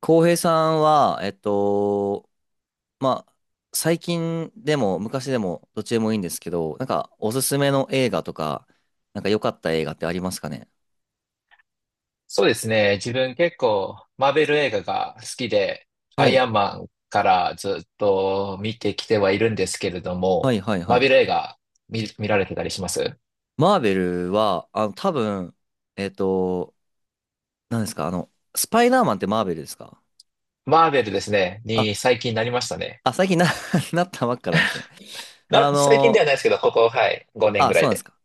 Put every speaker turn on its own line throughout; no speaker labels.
浩平さんは、まあ、最近でも昔でもどっちでもいいんですけど、なんかおすすめの映画とか、なんか良かった映画ってありますかね？
そうですね。自分結構マーベル映画が好きで、
は
アイ
い。
アンマンからずっと見てきてはいるんですけれど
は
も、
いはい
マ
は
ー
い。
ベル映画見られてたりします
マーベルは、多分、えっと、何ですかスパイダーマンってマーベルですか？
マーベルですね、
あ、
に最近なりましたね。
あ、最近なったばっかなんですね。あ
最近で
の、
はないですけど、ここ、はい、5年ぐ
あ、
ら
そう
い
なんです
で。
か。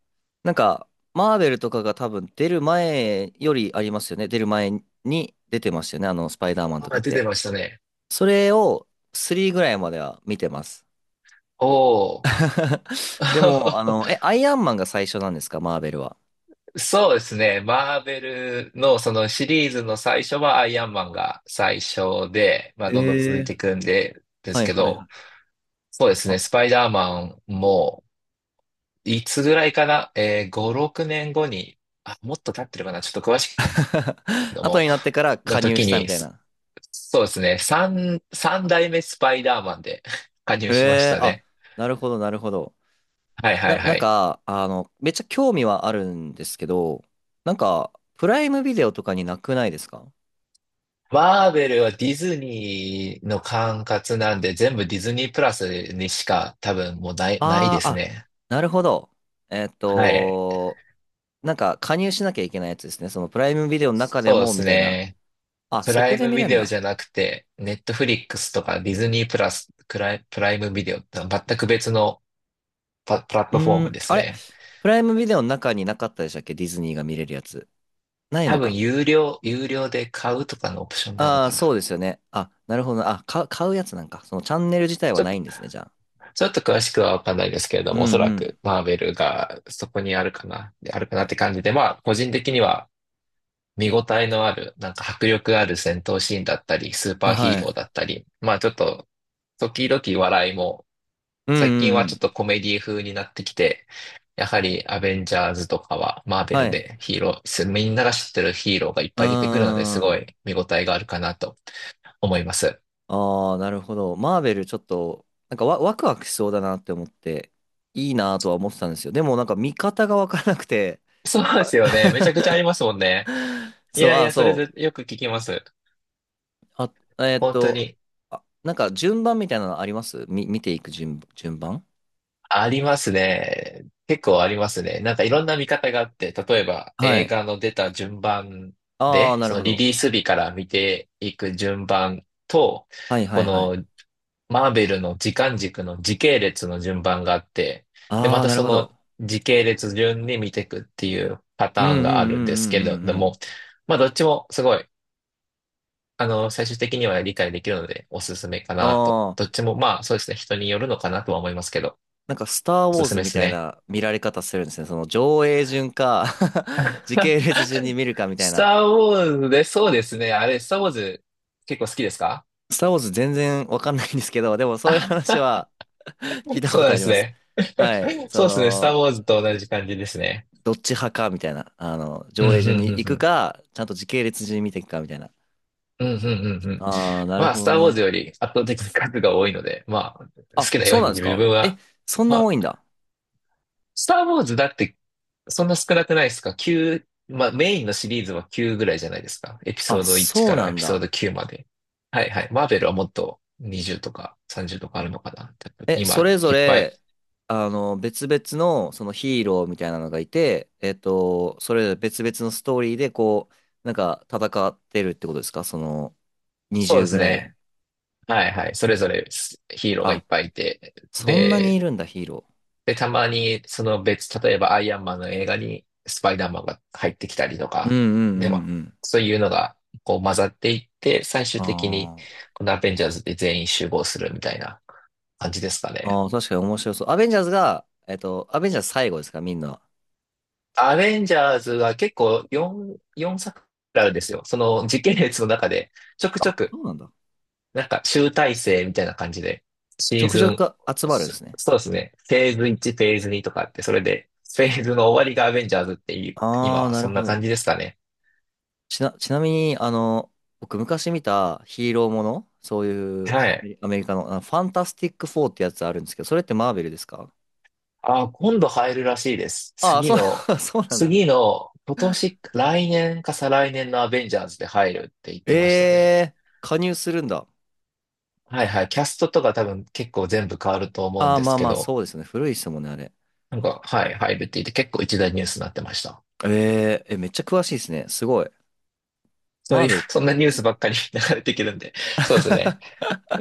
なんか、マーベルとかが多分出る前よりありますよね。出る前に出てましたよね。スパイダーマンとか
あ、
っ
出て
て。
ましたね。
それを3ぐらいまでは見てます。
おー。
でも、アイアンマンが最初なんですか、マーベルは。
そうですね。マーベルのそのシリーズの最初はアイアンマンが最初で、まあどんどん続
え
い
え、
ていくんで、で
は
す
い
け
はいは
ど、
い。
そうです
あ
ね。スパイダーマンも、いつぐらいかな5、6年後に、あ、もっと経ってるかな、ちょっと詳しいけ ど
後
も、
になってから
の
加入
時
したみ
に、
たい
そ
な。
そうですね。3、三代目スパイダーマンで 加入
え
しまし
え、
た
あ、
ね。
なるほどなるほど。
はいは
な、
い
な
は
ん
い。
か、めっちゃ興味はあるんですけど、なんか、プライムビデオとかになくないですか？
マーベルはディズニーの管轄なんで、全部ディズニープラスにしか多分もうない
あ
で
あ
す
あ、
ね。
なるほど。えーっ
はい。
と、なんか加入しなきゃいけないやつですね。そのプライムビデオの中で
そうで
もみ
す
たいな。
ね。
あ、
プ
そ
ラ
こ
イ
で
ム
見れ
ビ
るん
デオじ
だ。
ゃなくて、ネットフリックスとかディズニープラス、クライ、プライムビデオってのは全く別のプラッ
う
トフォー
ー
ム
ん、
です
あれ、
ね。
プライムビデオの中になかったでしたっけ、ディズニーが見れるやつ。ない
多
の
分
か。
有料で買うとかのオプションなの
ああ、
か
そ
な。
うですよね。あ、なるほど。あ、買うやつなんか。そのチャンネル自体は
ちょっ
な
と、
いんですね、じゃあ。
ちょっと詳しくはわかんないですけれど
うん
も、おそら
うん。
くマーベルがそこにあるかな、であるかなって感じで、まあ、個人的には見応えのある、なんか迫力ある戦闘シーンだったり、スー
あ、
パーヒ
は
ー
い。
ローだったり、まあちょっと、時々笑いも
うん
最
う
近
んう
はちょっ
ん。
とコメディ風になってきて、やはりアベンジャーズとかはマーベ
は
ル
い。
でヒーロー、みんなが知ってるヒーローがいっ
う
ぱい出てくるのです
ー
ご
ん。
い見応えがあるかなと思います。
ああ、なるほど。マーベルちょっと、なんかワクワクしそうだなって思って、いいなとは思ってたんですよ。でもなんか見方がわからなくて。
そうですよね。めちゃくちゃあり ますもんね。い
そう、
やい
ああ、
や、それ
そ
で
う。
よく聞きます。
あ、えーっ
本当
と、
に
あ、なんか順番みたいなのあります、見ていく順番？
ありますね。結構ありますね。なんかいろんな見方があって、例えば
は
映
い。
画の出た順番
ああ、
で、
な
そ
る
の
ほ
リ
ど。
リース日から見ていく順番と、
はいは
こ
いはい。
のマーベルの時間軸の時系列の順番があって、で、
あ
ま
あ、
た
なる
そ
ほど。
の時系列順に見ていくっていうパタ
うんうん
ーンがあ
う
るんです
ん
けれ
う
ど
んうん
も、まあどっちもすごい、最終的には理解できるのでおすすめか
う
なと。
ん。あ
ど
あ、
っちもまあそうですね、人によるのかなとは思いますけど、
なんかスター・ウ
お
ォ
す
ー
す
ズ
めで
み
す
たい
ね。
な見られ方するんですね。その上映順か 時 系列順に見るかみたい
ス
な。
ターウォーズで、そうですね。あれ、スターウォーズ結構好きですか？
スター・ウォーズ全然わかんないんですけど、でもそういう
あ、
話は 聞い た
そう
こ
なん
と
で
あり
す
ます。
ね。
はい。そ
そうですね。スター
の、
ウォーズと同じ感じですね。
どっち派かみたいな。
うん、う
上
ん、
映順に
う
行
ん、う
く
ん。
か、ちゃんと時系列順に見ていくかみたいな。
うん、うん、うん。うん、
ああ、なる
まあ、
ほ
ス
ど
ターウォーズ
ね。
より圧倒的に数が多いので、まあ、好
あ、
きなよ
そ
う
うなん
に
です
自
か。
分
え、
は、
そん
ま
な多
あ、
いんだ。
スター・ウォーズだって、そんな少なくないですか？ 9、まあメインのシリーズは9ぐらいじゃないですか。エピ
あ、
ソード1
そう
から
な
エ
ん
ピソー
だ。
ド9まで。はいはい。マーベルはもっと20とか30とかあるのかな。
え、そ
今、
れぞ
いっぱい。
れ、別々の、そのヒーローみたいなのがいて、それぞれ別々のストーリーで、こう、なんか戦ってるってことですか、その、
そうで
20
す
ぐらい。
ね。はいはい。それぞれヒーローがい
あ、
っぱいいて。
そんなに
で、
いるんだ、ヒーロ
たまに、その例えばアイアンマンの映画にスパイダーマンが入ってきたりと
ー。う
か、
んうん
で、
う
ま
ん
あ、
うん。
そういうのが、こう混ざっていって、最終的に、
あ
このアベンジャーズで全員集合するみたいな感じですかね。
あ、ああ、確かに面白そう。アベンジャーズが、アベンジャーズ最後ですか、みんな。
アベンジャーズは結構4作あるんですよ。その時系列の中で、ちょくちょく
そうなんだ。
なんか集大成みたいな感じで、
ち
シ
ょ
ー
くち
ズ
ょ
ン、
く集まるん
そ
ですね。
そうですね。フェーズ1、フェーズ2とかあって、それで、フェーズの終わりがアベンジャーズっていう、今
ああ、
は
な
そ
る
ん
ほ
な感
ど。
じですかね。
ちなみに、僕昔見たヒーローもの、そういう
は
アメ
い。
リアメリカの、あのファンタスティックフォーってやつあるんですけど、それってマーベルですか？
今度入るらしいです。
ああ、
次
そう、
の、
そうなんだ。
次の、今年、来年か再来年のアベンジャーズで入るって言っ
え
てましたね。
えー、加入するんだ。
はいはい。キャストとか多分結構全部変わると思うん
ああ、
で
ま
す
あ
け
まあ、
ど、
そうですね。古いですもんね、あれ。
なんか、はい、入るって言って結構一大ニュースになってました。
えええ、めっちゃ詳しいですね。すごい。
そう
マ
い
ー
う、
ベルっ
そん
て。
なニュースばっかり 流れてくるんで、そうですね。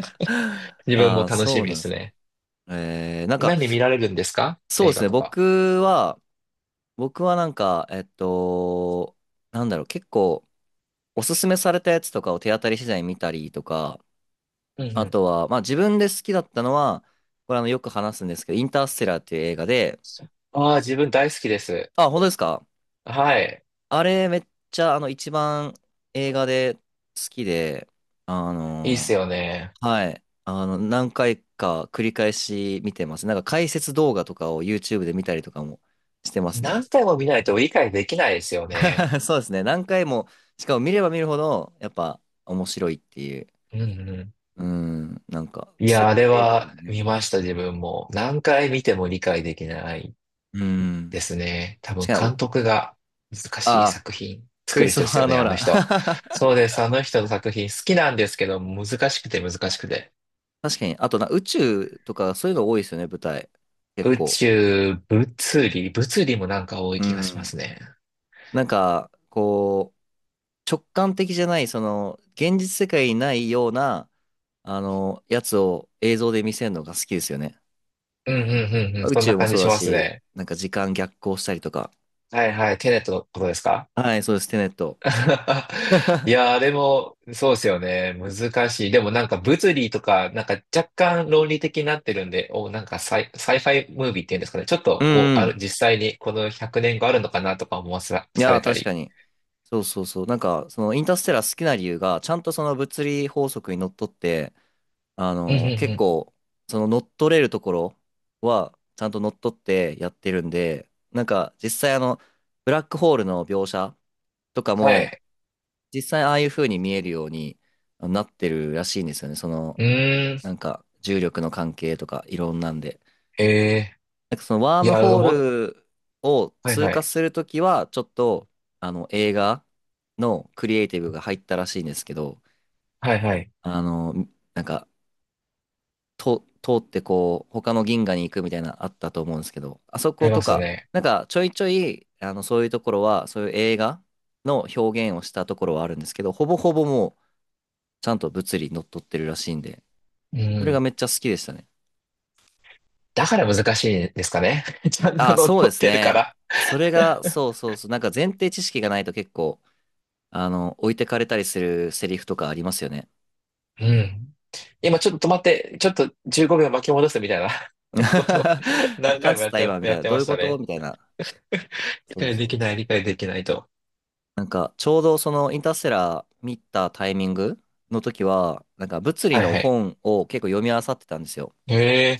自分
あ
も
あ、
楽し
そう
み
な
で
んで
す
す。
ね。
ええ、なんか、
何見られるんですか、
そうで
映
す
画
ね。
とか？
僕は、僕はなんか、なんだろう、結構、おすすめされたやつとかを手当たり次第見たりとか、
うんう
あ
ん。
とは、まあ自分で好きだったのは、これ、よく話すんですけど、インターステラーっていう映画で、
ああ、自分大好きです。
あ、本当ですか？
はい。
あれめっちゃ、一番映画で好きで、あ
いいっす
の
よね。
はい、あの何回か繰り返し見てます。なんか解説動画とかを YouTube で見たりとかもしてます
何
ね。
回も見ないと理解できないですよね。
そうですね。何回も、しかも見れば見るほど、やっぱ面白いっていう、
うんうん。
うん、なんか
いや、
設
あれ
定とか
は
もね。
見ました、自分も。何回見ても理解できない
うん。
ですね。多
し
分
かも、
監督が難しい
あ、
作品
ク
作
リ
る
スト
人で
フ
す
ァー・
よね、
ノー
あ
ラ
の
ン。
人。そう です、あの人の作品好きなんですけど、難しくて難しくて。
確かに。あと、な、宇宙とかそういうの多いですよね、舞台。結
宇
構。
宙、物理もなんか多い
う
気がしま
ん。
すね。
なんか、こう、直感的じゃない、その、現実世界にないような、やつを映像で見せるのが好きですよね。
うんうんうんうん。
宇
そん
宙
な
も
感じ
そう
し
だ
ます
し、
ね。
なんか時間逆行したりとか。
はいはい。テネットのことですか？
はい、そうです、テネット。
い やー、でも、そうですよね。難しい。でもなんか物理とか、なんか若干論理的になってるんで、なんかサイファイムービーっていうんですかね。ちょっと、
うんうん。
実際にこの100年があるのかなとか思わさ、
い
さ
や
れ
ー、
た
確か
り。
に。そうそうそう。なんか、そのインターステラー好きな理由が、ちゃんとその物理法則にのっとって、
うんうんう
結
ん。
構、その乗っ取れるところは、ちゃんと乗っ取ってやってるんで、なんか、実際、ブラックホールの描写とか
は
も、
い。
実際ああいう風に見えるようになってるらしいんですよね。その、
うー
なん
ん。
か、重力の関係とか、いろんなんで。
ええ、
なんか、その、ワー
い
ム
や、
ホー
もう、
ルを
はい
通
は
過
い。
するときは、ちょっと、映画のクリエイティブが入ったらしいんですけど、
はいはい。
あの、なんか、通ってこう、他の銀河に行くみたいなあったと思うんですけど、あそ
あ
こ
りま
と
すよ
か、
ね。
なんかちょいちょい、そういうところは、そういう映画の表現をしたところはあるんですけど、ほぼほぼもう、ちゃんと物理にのっとってるらしいんで、
う
それが
ん。
めっちゃ好きでしたね。
だから難しいんですかね。ちゃんと
あ、
乗っ
そうで
取っ
す
てるか
ね。
ら。
それが、そうそうそう、なんか前提知識がないと結構、置いてかれたりするセリフとかありますよね。
うん。今ちょっと止まって、ちょっと15秒巻き戻すみたいな ことを 何
なん
回も
つっ
やっ
た
て、
今み
や
たい
っ
な、
て
どう
ま
いう
した
こと
ね。
みたいな。
理
そう
解
そ
でき
う。
ない、理解できないと。
なんか、ちょうどそのインターステラー見たタイミングの時は、なんか物理
はい
の
はい。
本を結構読み漁ってたんですよ。
へえ、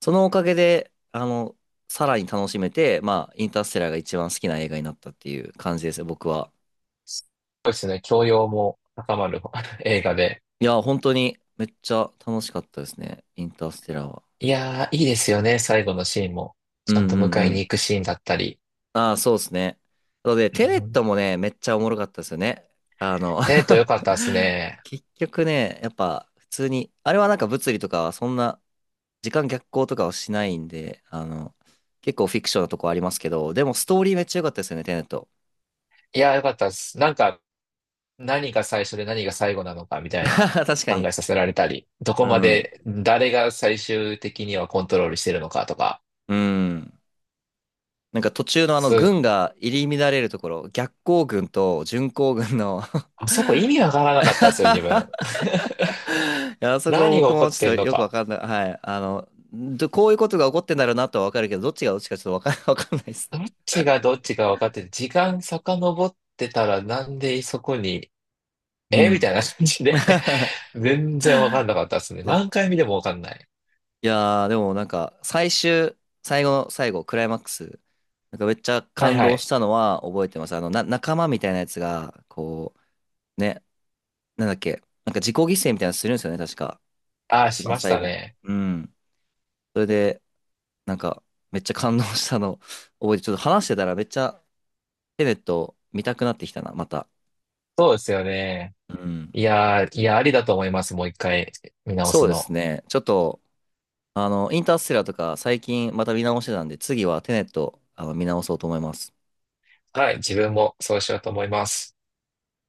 そのおかげで、さらに楽しめて、まあ、インターステラーが一番好きな映画になったっていう感じですね、僕は。
そうですね。教養も高まる 映画で。
いや、本当にめっちゃ楽しかったですね、インターステラーは。
いやー、いいですよね。最後のシーンも。
うん
ちゃんと
う
迎
んう
えに
ん。
行くシーンだったり。
ああ、そうですね。なので、
う
テネッ
ん、
トもね、めっちゃおもろかったですよね。あの
よかったですね。
結局ね、やっぱ普通に、あれはなんか物理とかはそんな、時間逆行とかはしないんで、結構フィクションなとこありますけど、でもストーリーめっちゃ良かったですよね、テネット。
いやー、よかったです。なんか、何が最初で何が最後なのかみたいな
確か
考
に。
えさせられたり、ど
う
こま
ん。
で誰が最終的にはコントロールしてるのかとか、
うん。なんか途中のあの軍
す
が入り乱れるところ、逆行軍と巡航軍の
あそこ意味 わからなかったですよ、自分。
いや、あそこ
何が
僕
起こ
も
っ
ち
て
ょっ
ん
と
の
よくわ
か。
かんない。はい。どこういうことが起こってんだろうなとはわかるけど、どっちがどっちかちょっとわかん、わかんないですね。
どっちがどっちか分かってて、時間遡ってたらなんでそこに、
う
えみ
ん。
たいな感じで 全然分かんなかったですね。何回見ても分かんない。
いやー、でもなんか、最後の最後、クライマックス、なんかめっちゃ
はい
感
は
動
い。
したのは覚えてます。仲間みたいなやつが、こう、ね、なんだっけ、なんか自己犠牲みたいなのするんですよね、確か。
ああ、
一
し
番
まし
最
た
後。
ね。
うん。それで、なんか、めっちゃ感動したの覚えて、ちょっと話してたらめっちゃ、テネット見たくなってきたな、また。
そうですよね。
うん。
いやー、いや、ありだと思います。もう一回見直
そ
す
うです
の。
ね。ちょっと、インターステラーとか最近また見直してたんで、次はテネット、見直そうと思います。
はい、自分もそうしようと思います。